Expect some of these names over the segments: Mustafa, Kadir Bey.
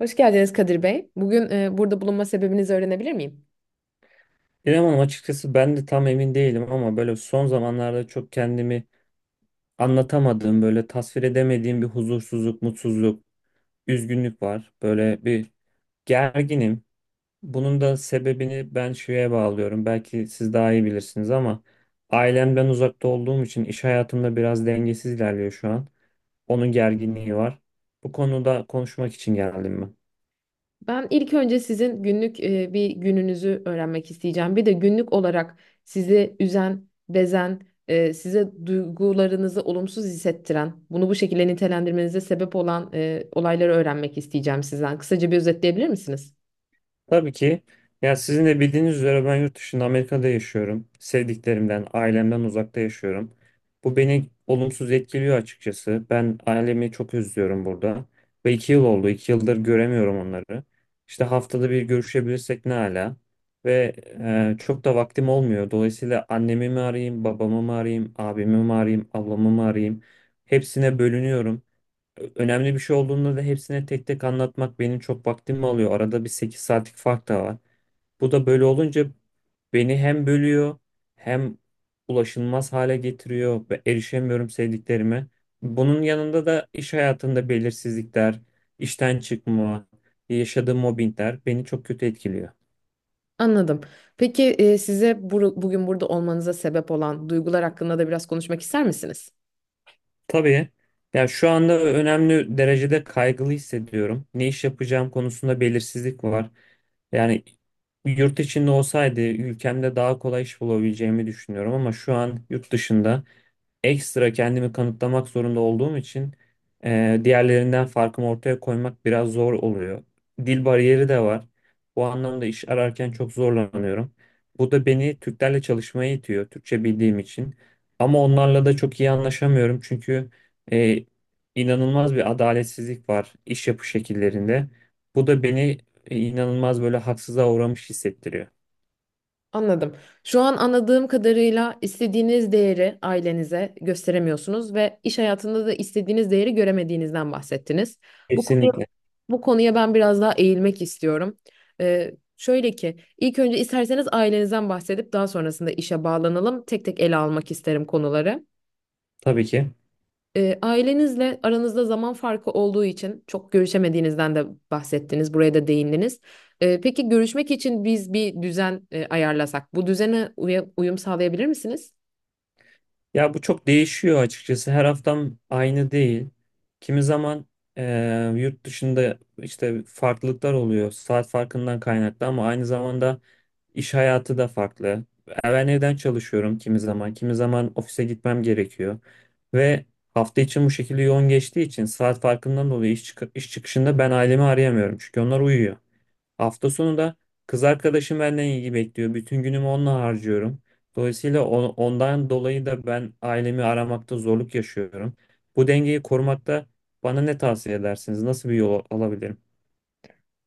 Hoş geldiniz Kadir Bey. Bugün burada bulunma sebebinizi öğrenebilir miyim? İrem Hanım, açıkçası ben de tam emin değilim ama böyle son zamanlarda çok kendimi anlatamadığım, böyle tasvir edemediğim bir huzursuzluk, mutsuzluk, üzgünlük var. Böyle bir gerginim. Bunun da sebebini ben şeye bağlıyorum. Belki siz daha iyi bilirsiniz ama ailemden uzakta olduğum için iş hayatımda biraz dengesiz ilerliyor şu an. Onun gerginliği var. Bu konuda konuşmak için geldim ben. Ben ilk önce sizin günlük bir gününüzü öğrenmek isteyeceğim. Bir de günlük olarak sizi üzen, bezen, size duygularınızı olumsuz hissettiren, bunu bu şekilde nitelendirmenize sebep olan olayları öğrenmek isteyeceğim sizden. Kısaca bir özetleyebilir misiniz? Tabii ki. Ya sizin de bildiğiniz üzere ben yurt dışında Amerika'da yaşıyorum. Sevdiklerimden, ailemden uzakta yaşıyorum. Bu beni olumsuz etkiliyor açıkçası. Ben ailemi çok özlüyorum burada. Ve 2 yıl oldu. 2 yıldır göremiyorum onları. İşte haftada bir görüşebilirsek ne ala. Ve çok da vaktim olmuyor. Dolayısıyla annemi mi arayayım, babamı mı arayayım, abimi mi arayayım, ablamı mı arayayım. Hepsine bölünüyorum, önemli bir şey olduğunda da hepsine tek tek anlatmak benim çok vaktimi alıyor. Arada bir 8 saatlik fark da var. Bu da böyle olunca beni hem bölüyor hem ulaşılmaz hale getiriyor ve erişemiyorum sevdiklerime. Bunun yanında da iş hayatında belirsizlikler, işten çıkma, yaşadığım mobbingler beni çok kötü etkiliyor. Anladım. Peki size bugün burada olmanıza sebep olan duygular hakkında da biraz konuşmak ister misiniz? Tabii. Ya şu anda önemli derecede kaygılı hissediyorum. Ne iş yapacağım konusunda belirsizlik var. Yani yurt içinde olsaydı ülkemde daha kolay iş bulabileceğimi düşünüyorum ama şu an yurt dışında ekstra kendimi kanıtlamak zorunda olduğum için diğerlerinden farkımı ortaya koymak biraz zor oluyor. Dil bariyeri de var. Bu anlamda iş ararken çok zorlanıyorum. Bu da beni Türklerle çalışmaya itiyor, Türkçe bildiğim için. Ama onlarla da çok iyi anlaşamıyorum çünkü e, inanılmaz bir adaletsizlik var iş yapı şekillerinde. Bu da beni inanılmaz böyle haksıza uğramış hissettiriyor. Anladım. Şu an anladığım kadarıyla istediğiniz değeri ailenize gösteremiyorsunuz ve iş hayatında da istediğiniz değeri göremediğinizden bahsettiniz. Bu konuya, Kesinlikle. bu konuya ben biraz daha eğilmek istiyorum. Ee, şöyle ki, ilk önce isterseniz ailenizden bahsedip daha sonrasında işe bağlanalım. Tek tek ele almak isterim konuları. Tabii ki. Ailenizle aranızda zaman farkı olduğu için çok görüşemediğinizden de bahsettiniz, buraya da değindiniz. Peki görüşmek için biz bir düzen ayarlasak, bu düzene uyum sağlayabilir misiniz? Ya bu çok değişiyor açıkçası. Her haftam aynı değil. Kimi zaman yurt dışında işte farklılıklar oluyor. Saat farkından kaynaklı ama aynı zamanda iş hayatı da farklı. Ben evden çalışıyorum kimi zaman. Kimi zaman ofise gitmem gerekiyor. Ve hafta için bu şekilde yoğun geçtiği için saat farkından dolayı iş çıkışında ben ailemi arayamıyorum. Çünkü onlar uyuyor. Hafta sonu da kız arkadaşım benden ilgi bekliyor. Bütün günümü onunla harcıyorum. Dolayısıyla ondan dolayı da ben ailemi aramakta zorluk yaşıyorum. Bu dengeyi korumakta bana ne tavsiye edersiniz? Nasıl bir yol alabilirim?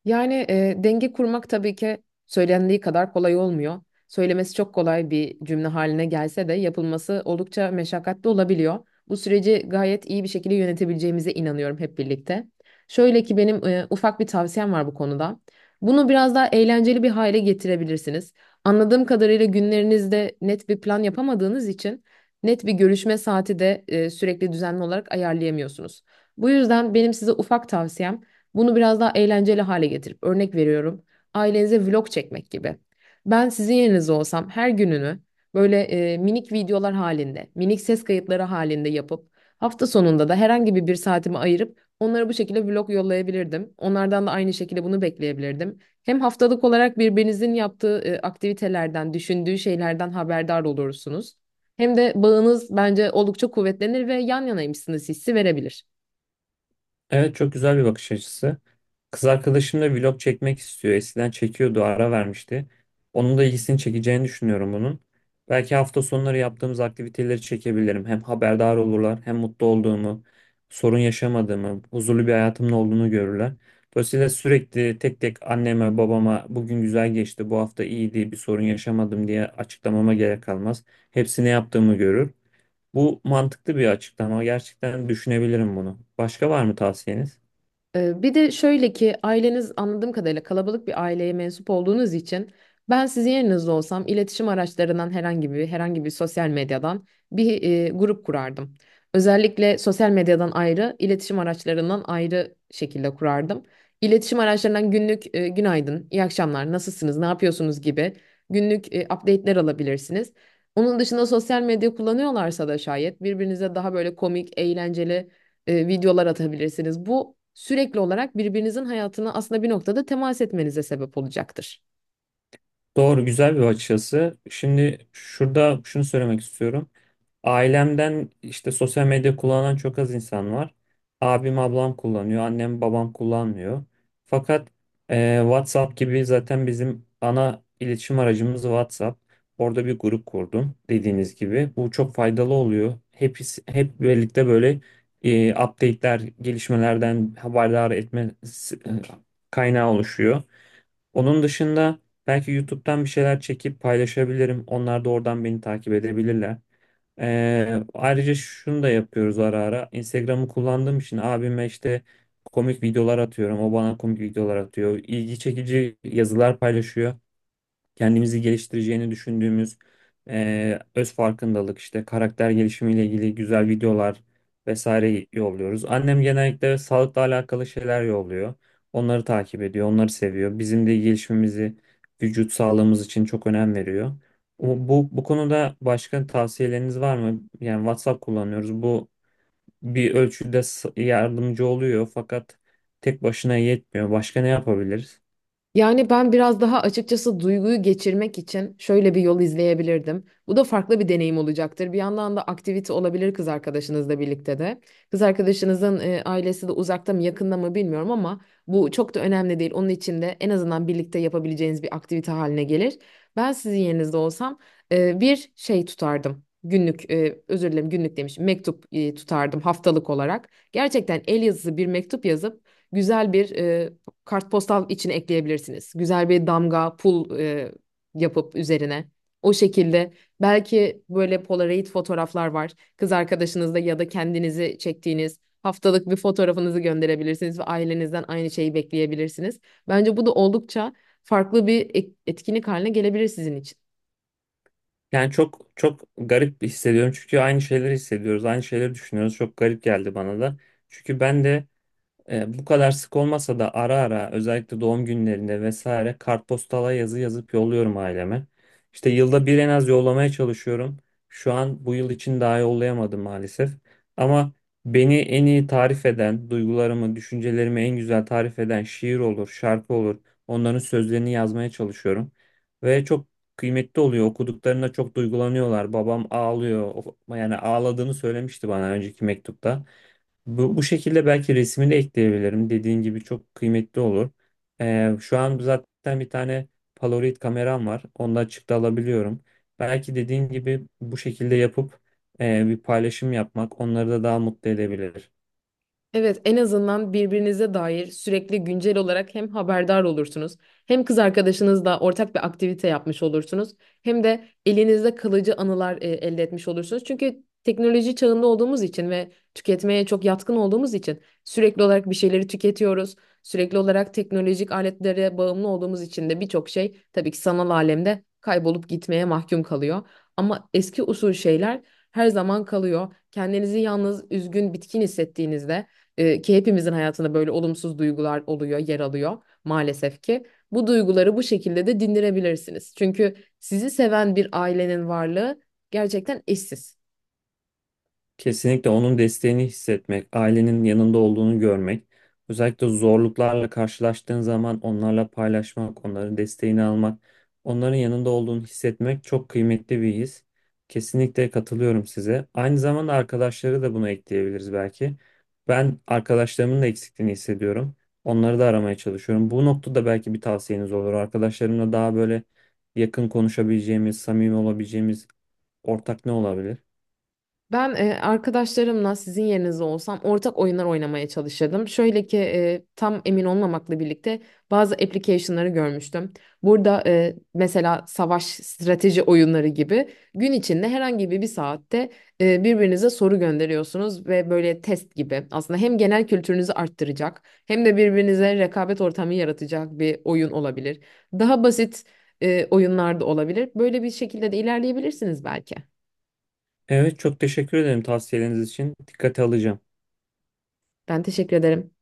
Yani denge kurmak tabii ki söylendiği kadar kolay olmuyor. Söylemesi çok kolay bir cümle haline gelse de yapılması oldukça meşakkatli olabiliyor. Bu süreci gayet iyi bir şekilde yönetebileceğimize inanıyorum hep birlikte. Şöyle ki benim ufak bir tavsiyem var bu konuda. Bunu biraz daha eğlenceli bir hale getirebilirsiniz. Anladığım kadarıyla günlerinizde net bir plan yapamadığınız için net bir görüşme saati de sürekli düzenli olarak ayarlayamıyorsunuz. Bu yüzden benim size ufak tavsiyem bunu biraz daha eğlenceli hale getirip örnek veriyorum. Ailenize vlog çekmek gibi. Ben sizin yerinizde olsam her gününü böyle minik videolar halinde, minik ses kayıtları halinde yapıp hafta sonunda da herhangi bir saatimi ayırıp onlara bu şekilde vlog yollayabilirdim. Onlardan da aynı şekilde bunu bekleyebilirdim. Hem haftalık olarak birbirinizin yaptığı aktivitelerden, düşündüğü şeylerden haberdar olursunuz. Hem de bağınız bence oldukça kuvvetlenir ve yan yanaymışsınız hissi verebilir. Evet, çok güzel bir bakış açısı. Kız arkadaşım da vlog çekmek istiyor. Eskiden çekiyordu, ara vermişti. Onun da ilgisini çekeceğini düşünüyorum bunun. Belki hafta sonları yaptığımız aktiviteleri çekebilirim. Hem haberdar olurlar, hem mutlu olduğumu, sorun yaşamadığımı, huzurlu bir hayatımın olduğunu görürler. Dolayısıyla sürekli tek tek anneme, babama bugün güzel geçti, bu hafta iyiydi, bir sorun yaşamadım diye açıklamama gerek kalmaz. Hepsini yaptığımı görür. Bu mantıklı bir açıklama. Gerçekten düşünebilirim bunu. Başka var mı tavsiyeniz? Bir de şöyle ki aileniz anladığım kadarıyla kalabalık bir aileye mensup olduğunuz için ben sizin yerinizde olsam iletişim araçlarından herhangi bir sosyal medyadan bir grup kurardım. Özellikle sosyal medyadan ayrı, iletişim araçlarından ayrı şekilde kurardım. İletişim araçlarından günlük günaydın, iyi akşamlar, nasılsınız, ne yapıyorsunuz gibi günlük update'ler alabilirsiniz. Onun dışında sosyal medya kullanıyorlarsa da şayet birbirinize daha böyle komik, eğlenceli videolar atabilirsiniz. Bu sürekli olarak birbirinizin hayatına aslında bir noktada temas etmenize sebep olacaktır. Doğru, güzel bir bakış açısı. Şimdi şurada şunu söylemek istiyorum. Ailemden işte sosyal medya kullanan çok az insan var. Abim, ablam kullanıyor, annem, babam kullanmıyor. Fakat WhatsApp gibi, zaten bizim ana iletişim aracımız WhatsApp. Orada bir grup kurdum dediğiniz gibi. Bu çok faydalı oluyor. Hep birlikte böyle update'ler, gelişmelerden haberdar etme e, kaynağı oluşuyor. Onun dışında belki YouTube'dan bir şeyler çekip paylaşabilirim. Onlar da oradan beni takip edebilirler. Ayrıca şunu da yapıyoruz ara ara. Instagram'ı kullandığım için abime işte komik videolar atıyorum. O bana komik videolar atıyor. İlgi çekici yazılar paylaşıyor, kendimizi geliştireceğini düşündüğümüz öz farkındalık işte karakter gelişimiyle ilgili güzel videolar vesaire yolluyoruz. Annem genellikle sağlıkla alakalı şeyler yolluyor. Onları takip ediyor, onları seviyor. Bizim de gelişimimizi, vücut sağlığımız için çok önem veriyor. Bu, bu konuda başka tavsiyeleriniz var mı? Yani WhatsApp kullanıyoruz. Bu bir ölçüde yardımcı oluyor fakat tek başına yetmiyor. Başka ne yapabiliriz? Yani ben biraz daha açıkçası duyguyu geçirmek için şöyle bir yol izleyebilirdim. Bu da farklı bir deneyim olacaktır. Bir yandan da aktivite olabilir kız arkadaşınızla birlikte de. Kız arkadaşınızın ailesi de uzakta mı yakında mı bilmiyorum ama bu çok da önemli değil. Onun için de en azından birlikte yapabileceğiniz bir aktivite haline gelir. Ben sizin yerinizde olsam bir şey tutardım. Günlük, özür dilerim günlük demişim, mektup tutardım haftalık olarak. Gerçekten el yazısı bir mektup yazıp güzel bir kartpostal için ekleyebilirsiniz. Güzel bir damga, pul yapıp üzerine. O şekilde belki böyle Polaroid fotoğraflar var. Kız arkadaşınızla ya da kendinizi çektiğiniz haftalık bir fotoğrafınızı gönderebilirsiniz ve ailenizden aynı şeyi bekleyebilirsiniz. Bence bu da oldukça farklı bir etkinlik haline gelebilir sizin için. Yani çok çok garip hissediyorum çünkü aynı şeyleri hissediyoruz, aynı şeyleri düşünüyoruz. Çok garip geldi bana da. Çünkü ben de bu kadar sık olmasa da ara ara özellikle doğum günlerinde vesaire kartpostala yazı yazıp yolluyorum aileme. İşte yılda bir en az yollamaya çalışıyorum. Şu an bu yıl için daha yollayamadım maalesef. Ama beni en iyi tarif eden, duygularımı, düşüncelerimi en güzel tarif eden şiir olur, şarkı olur. Onların sözlerini yazmaya çalışıyorum. Ve çok kıymetli oluyor. Okuduklarında çok duygulanıyorlar. Babam ağlıyor. Yani ağladığını söylemişti bana önceki mektupta. Bu, bu şekilde belki resmini ekleyebilirim. Dediğin gibi çok kıymetli olur. Şu an zaten bir tane Polaroid kameram var. Onda açıkta alabiliyorum. Belki dediğin gibi bu şekilde yapıp bir paylaşım yapmak onları da daha mutlu edebilir. Evet, en azından birbirinize dair sürekli güncel olarak hem haberdar olursunuz, hem kız arkadaşınızla ortak bir aktivite yapmış olursunuz, hem de elinizde kalıcı anılar elde etmiş olursunuz. Çünkü teknoloji çağında olduğumuz için ve tüketmeye çok yatkın olduğumuz için sürekli olarak bir şeyleri tüketiyoruz. Sürekli olarak teknolojik aletlere bağımlı olduğumuz için de birçok şey tabii ki sanal alemde kaybolup gitmeye mahkum kalıyor. Ama eski usul şeyler her zaman kalıyor. Kendinizi yalnız, üzgün, bitkin hissettiğinizde ki hepimizin hayatında böyle olumsuz duygular oluyor, yer alıyor maalesef ki. Bu duyguları bu şekilde de dindirebilirsiniz. Çünkü sizi seven bir ailenin varlığı gerçekten eşsiz. Kesinlikle onun desteğini hissetmek, ailenin yanında olduğunu görmek, özellikle zorluklarla karşılaştığın zaman onlarla paylaşmak, onların desteğini almak, onların yanında olduğunu hissetmek çok kıymetli bir his. Kesinlikle katılıyorum size. Aynı zamanda arkadaşları da buna ekleyebiliriz belki. Ben arkadaşlarımın da eksikliğini hissediyorum. Onları da aramaya çalışıyorum. Bu noktada belki bir tavsiyeniz olur. Arkadaşlarımla daha böyle yakın konuşabileceğimiz, samimi olabileceğimiz ortak ne olabilir? Ben arkadaşlarımla sizin yerinizde olsam ortak oyunlar oynamaya çalışırdım. Şöyle ki tam emin olmamakla birlikte bazı application'ları görmüştüm. Burada mesela savaş strateji oyunları gibi gün içinde herhangi bir saatte birbirinize soru gönderiyorsunuz ve böyle test gibi. Aslında hem genel kültürünüzü arttıracak hem de birbirinize rekabet ortamı yaratacak bir oyun olabilir. Daha basit oyunlar da olabilir. Böyle bir şekilde de ilerleyebilirsiniz belki. Evet, çok teşekkür ederim tavsiyeleriniz için. Dikkate alacağım. Ben teşekkür ederim.